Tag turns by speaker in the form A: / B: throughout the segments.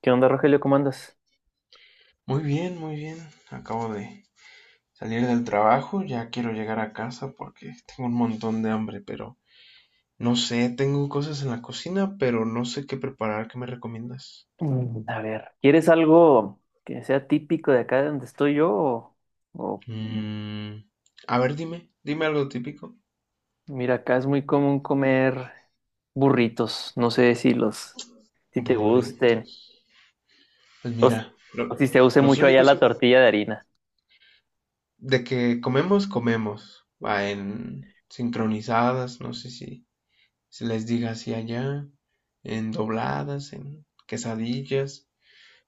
A: ¿Qué onda, Rogelio? ¿Cómo andas?
B: Muy bien, muy bien. Acabo de salir del trabajo, ya quiero llegar a casa porque tengo un montón de hambre, pero no sé, tengo cosas en la cocina, pero no sé qué preparar, ¿qué me recomiendas?
A: A ver, ¿quieres algo que sea típico de acá donde estoy yo? O-
B: Mm, a ver, dime algo típico.
A: Mira, acá es muy común comer burritos. No sé si si te
B: Burrito.
A: gusten
B: Pues
A: o,
B: mira,
A: o si se use
B: los
A: mucho allá la
B: únicos
A: tortilla de harina.
B: de que comemos. Va en sincronizadas, no sé si se les diga así allá, en dobladas, en quesadillas.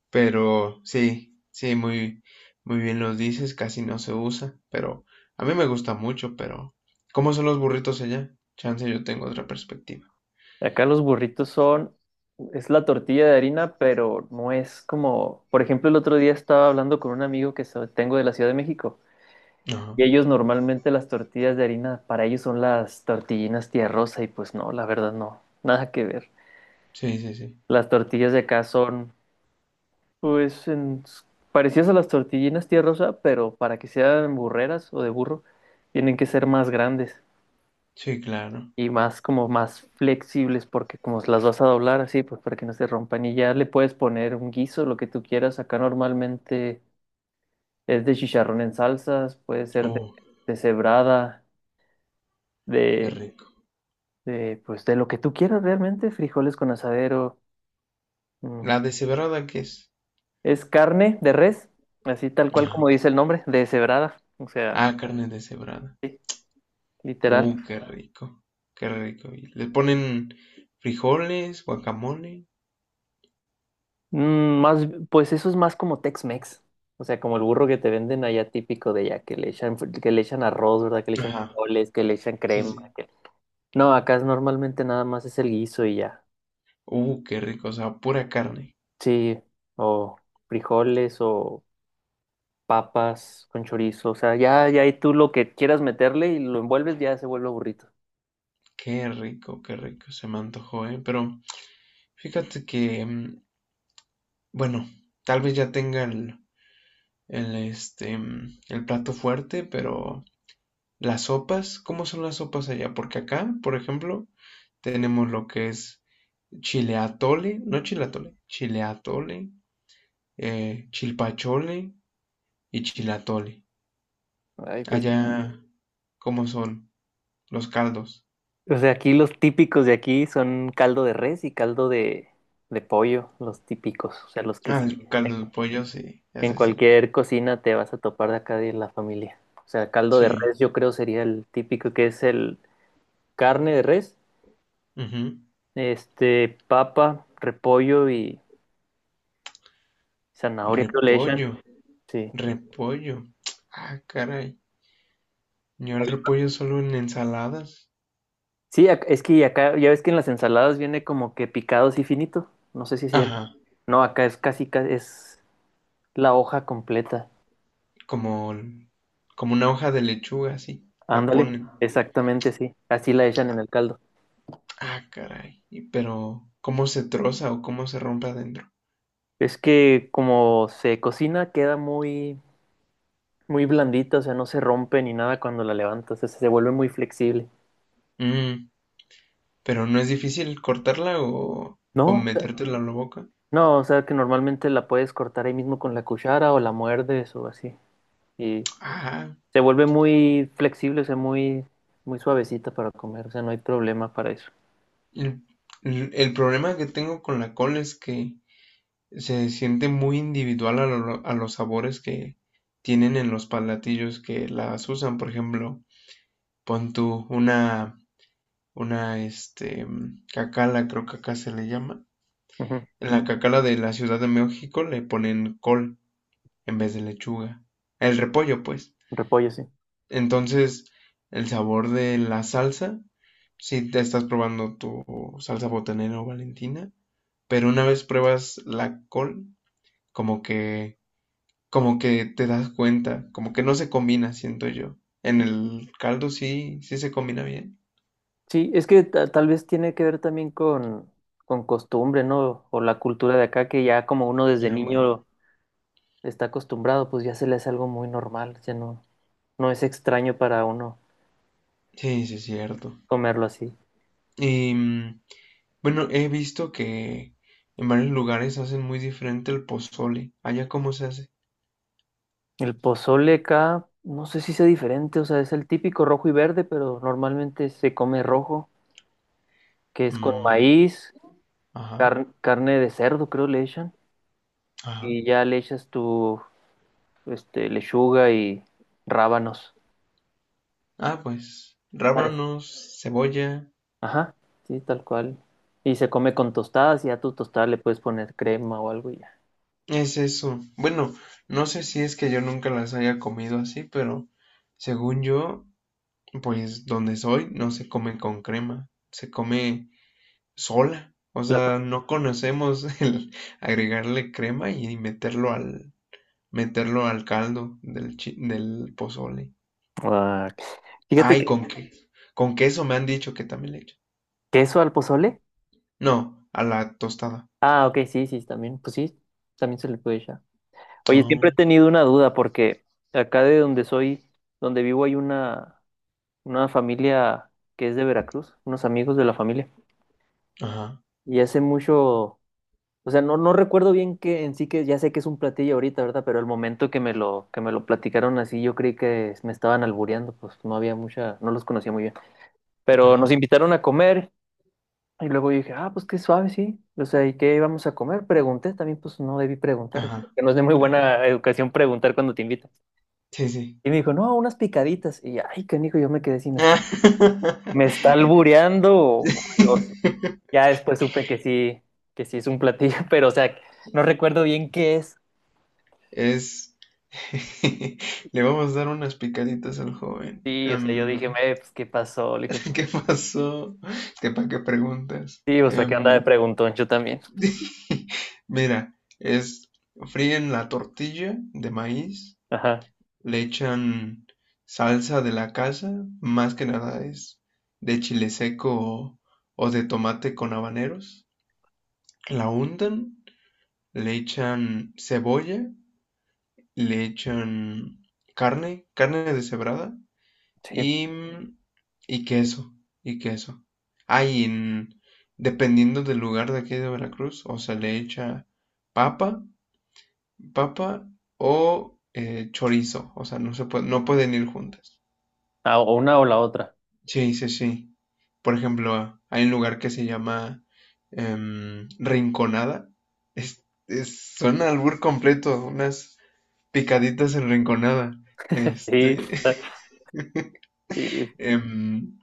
B: Pero sí, sí, muy, muy bien los dices, casi no se usa, pero a mí me gusta mucho, pero ¿cómo son los burritos allá? Chance, yo tengo otra perspectiva.
A: Acá los burritos son, es la tortilla de harina, pero no es como, por ejemplo, el otro día estaba hablando con un amigo que tengo de la Ciudad de México.
B: Ajá,
A: Y ellos normalmente las tortillas de harina, para ellos son las tortillinas tía Rosa y pues no, la verdad no, nada que ver.
B: sí, sí, sí,
A: Las tortillas de acá son pues en- parecidas a las tortillinas tía Rosa, pero para que sean burreras o de burro, tienen que ser más grandes
B: sí, claro.
A: y más como más flexibles porque como las vas a doblar así, pues para que no se rompan y ya le puedes poner un guiso, lo que tú quieras. Acá normalmente es de chicharrón en salsas, puede ser
B: Uh,
A: de cebrada,
B: qué
A: de
B: rico.
A: de, pues de lo que tú quieras realmente, frijoles con asadero. mm,
B: ¿La deshebrada qué es?
A: Es carne de res, así tal cual
B: Ajá.
A: como dice el nombre, deshebrada. O sea,
B: Ah, carne deshebrada.
A: sí, literal.
B: Qué rico, qué rico. ¿Y le ponen frijoles, guacamole?
A: Más, pues eso es más como Tex-Mex. O sea, como el burro que te venden allá típico de allá, que le echan, que le echan arroz, ¿verdad? Que le echan
B: Ajá,
A: frijoles, que le echan
B: sí,
A: crema.
B: sí.
A: No, acá es normalmente nada más es el guiso y ya.
B: Qué rico, o sea, pura carne.
A: Sí, o frijoles o papas con chorizo, o sea, ya, ya ahí tú lo que quieras meterle y lo envuelves ya se vuelve burrito.
B: Qué rico, se me antojó, ¿eh? Pero… Fíjate que, bueno, tal vez ya tenga el plato fuerte, pero las sopas, ¿cómo son las sopas allá? Porque acá, por ejemplo, tenemos lo que es chile atole, no chile atole, chile atole, chilpachole y chilatole. Mm.
A: Ay, pues sí.
B: Allá, ¿cómo son los caldos?
A: O sea, aquí los típicos de aquí son caldo de res y caldo de pollo, los típicos, o sea, los que
B: Ah,
A: sí.
B: el caldo de
A: En
B: pollo, sí,
A: en
B: ese sí.
A: cualquier cocina te vas a topar de acá de la familia. O sea, caldo de
B: Sí.
A: res yo creo sería el típico, que es el carne de res,
B: Ujú.
A: este, papa, repollo y zanahoria creo le
B: Repollo,
A: echan. Sí.
B: repollo. Ah, caray. Yo el repollo solo en ensaladas.
A: Sí, es que acá, ya ves que en las ensaladas viene como que picado así finito. No sé si es cierto.
B: Ajá,
A: No, acá es es la hoja completa.
B: como, como una hoja de lechuga, así. La
A: Ándale,
B: ponen.
A: exactamente, sí. Así la echan en el caldo.
B: Ah, caray. Pero, ¿cómo se troza o cómo se rompe adentro?
A: Es que como se cocina, queda muy, muy blandita, o sea, no se rompe ni nada cuando la levantas, o sea, se vuelve muy flexible.
B: Mm, pero no es difícil cortarla o
A: No,
B: metértela en la boca.
A: no, o sea, que normalmente la puedes cortar ahí mismo con la cuchara o la muerdes o así. Y
B: Ajá.
A: se vuelve muy flexible, o sea, muy, muy suavecita para comer, o sea, no hay problema para eso.
B: El, el problema que tengo con la col es que se siente muy individual a, a los sabores que tienen en los palatillos que las usan. Por ejemplo, pon tú una cacala, creo que acá se le llama.
A: Ujú.
B: En la cacala de la Ciudad de México le ponen col en vez de lechuga. El repollo, pues.
A: Repollo, sí.
B: Entonces, el sabor de la salsa, si te estás probando tu salsa botanera o valentina, pero una vez pruebas la col, como que, como que te das cuenta, como que no se combina, siento yo. En el caldo sí, sí se combina bien.
A: Sí, es que tal vez tiene que ver también con costumbre, ¿no? O la cultura de acá, que ya como uno desde
B: Ah, bueno.
A: niño está acostumbrado, pues ya se le hace algo muy normal, ya no, no es extraño para uno
B: Sí, sí es cierto.
A: comerlo así.
B: Y bueno, he visto que en varios lugares hacen muy diferente el pozole. ¿Allá cómo se hace?
A: El pozole acá, no sé si sea diferente, o sea, es el típico rojo y verde, pero normalmente se come rojo, que es con
B: Mm,
A: maíz,
B: ajá,
A: carne de cerdo, creo le echan,
B: ajá.
A: y ya le echas tu, este, lechuga y rábanos.
B: Ah, pues, rábanos, cebolla.
A: Ajá, sí, tal cual. Y se come con tostadas y a tu tostada le puedes poner crema o algo y ya.
B: Es eso. Bueno, no sé si es que yo nunca las haya comido así, pero según yo, pues donde soy no se come con crema, se come sola. O
A: Plato.
B: sea, no conocemos el agregarle crema y meterlo al caldo del pozole.
A: Ah, ok. Fíjate
B: Ay,
A: que
B: con que, con queso me han dicho que también le echan.
A: queso al pozole.
B: No, a la tostada.
A: Ah, ok, sí, sí, también. Pues sí, también se le puede echar. Oye, siempre
B: Oh,
A: he tenido una duda porque acá de donde soy, donde vivo, hay una familia que es de Veracruz, unos amigos de la familia.
B: ajá,
A: Y hace mucho. O sea, no, no recuerdo bien que en sí que ya sé que es un platillo ahorita, ¿verdad? Pero el momento que me lo platicaron así, yo creí que me estaban albureando, pues no había mucha, no los conocía muy bien. Pero nos
B: ajá,
A: invitaron a comer y luego yo dije, ah, pues qué suave, sí. O sea, ¿y qué íbamos a comer? Pregunté, también pues no debí preguntar,
B: ajá.
A: porque no es de muy
B: Claro.
A: buena educación preguntar cuando te invitan.
B: Sí, sí.
A: Y me dijo, no, unas picaditas. Y ay, canijo, yo me quedé así, me está albureando. O- ya después supe que sí es un platillo, pero o sea, no recuerdo bien qué es.
B: Es. Le vamos a dar unas picaditas al joven.
A: Sí, o sea, yo dije, Pues, ¿qué pasó?" Le dije,
B: ¿Qué pasó? ¿Qué para qué preguntas?
A: sí, o sea, ¿qué anda de preguntón? Yo también.
B: Mira, es fríen la tortilla de maíz
A: Ajá,
B: le echan salsa de la casa, más que nada es de chile seco o de tomate con habaneros. La untan, le echan cebolla, le echan carne, carne deshebrada
A: sí.
B: y, y queso, y queso. Ah, y en- dependiendo del lugar de aquí de Veracruz, o se le echa papa, papa o chorizo, o sea, no se puede, no pueden ir juntas.
A: Ah, o una o la otra.
B: Sí, sí, sí. Por ejemplo, hay un lugar que se llama Rinconada. Es un albur completo, unas picaditas en Rinconada.
A: Sí,
B: Este,
A: sí.
B: em,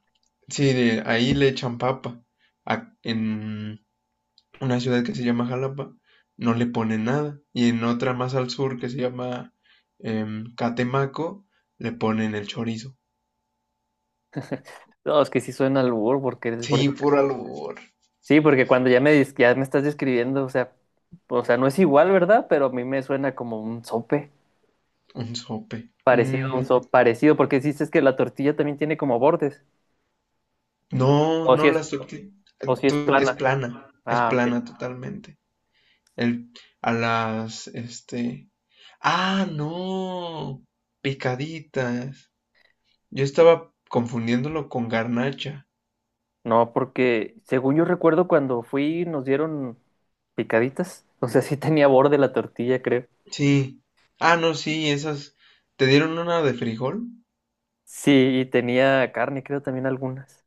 B: sí, de ahí le echan papa. En una ciudad que se llama Jalapa no le ponen nada. Y en otra más al sur que se llama Catemaco le ponen el chorizo.
A: No, es que sí suena al albur, porque es por
B: Sí,
A: eso que...
B: puro albur.
A: Sí, porque cuando ya me, ya me estás describiendo, o sea, no es igual, ¿verdad? Pero a mí me suena como un sope,
B: Un sope.
A: parecido a
B: Mm,
A: un sope, parecido, porque dices que la tortilla también tiene como bordes,
B: no,
A: o
B: no,
A: si es,
B: la surti
A: o si es plana.
B: es
A: Ah, ok.
B: plana totalmente. El, a las, este… Ah, no, picaditas. Yo estaba confundiéndolo con garnacha.
A: No, porque según yo recuerdo cuando fui, nos dieron picaditas. O sea, sí tenía borde la tortilla, creo.
B: Sí. Ah, no, sí, esas… ¿Te dieron una de frijol?
A: Sí, y tenía carne, creo, también algunas.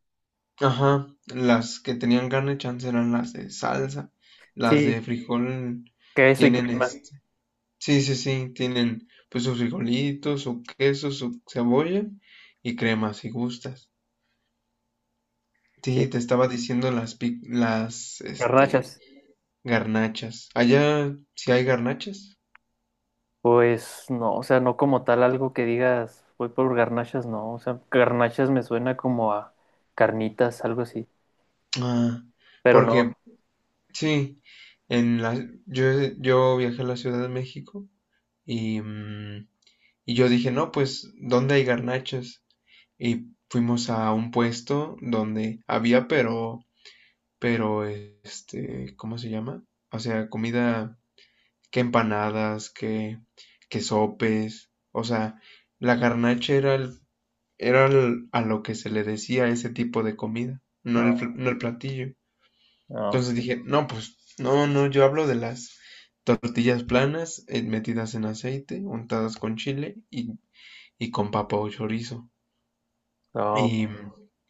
B: Ajá, las que tenían carne chance eran las de salsa. Las de
A: Sí,
B: frijol
A: queso y
B: tienen
A: crema.
B: es… Sí, sí, sí, tienen pues sus frijolitos, su queso, su cebolla y crema si gustas.
A: Sí,
B: Sí, te estaba diciendo las
A: garnachas.
B: garnachas. Allá sí hay garnachas.
A: Pues no, o sea, no como tal algo que digas, voy por garnachas, no. O sea, garnachas me suena como a carnitas, algo así.
B: Ah,
A: Pero
B: porque
A: no,
B: sí, en la yo yo viajé a la Ciudad de México y y yo dije, "No, pues ¿dónde hay garnachas?" Y fuimos a un puesto donde había, pero, este, ¿cómo se llama? O sea, comida, que empanadas, que sopes. O sea, la garnacha era, era a lo que se le decía ese tipo de comida,
A: no,
B: no el platillo.
A: no,
B: Entonces
A: ok,
B: dije, no, pues, no, no, yo hablo de las tortillas planas, metidas en aceite, untadas con chile y con papa o chorizo.
A: no, ok,
B: Y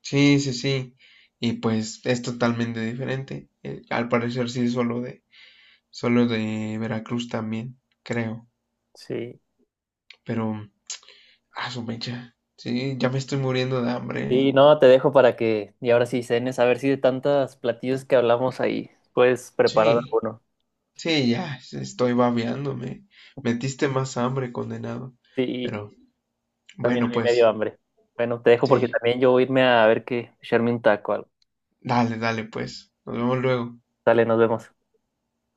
B: sí, sí, sí. Y pues es totalmente diferente. Al parecer sí es solo de, solo de Veracruz también, creo.
A: sí.
B: Pero, a su mecha. Sí, ya me estoy muriendo de hambre,
A: Sí,
B: ¿eh?
A: no, te dejo para que, y ahora sí cenes, a ver si de tantos platillos que hablamos ahí, puedes preparar
B: Sí,
A: alguno.
B: sí, ya sí, estoy babeándome. Metiste más hambre, condenado.
A: Sí.
B: Pero,
A: También
B: bueno,
A: a mí me dio
B: pues,
A: hambre. Bueno, te dejo porque
B: sí.
A: también yo voy a irme a ver que echarme un taco o algo.
B: Dale, dale, pues. Nos vemos luego.
A: Dale, nos vemos.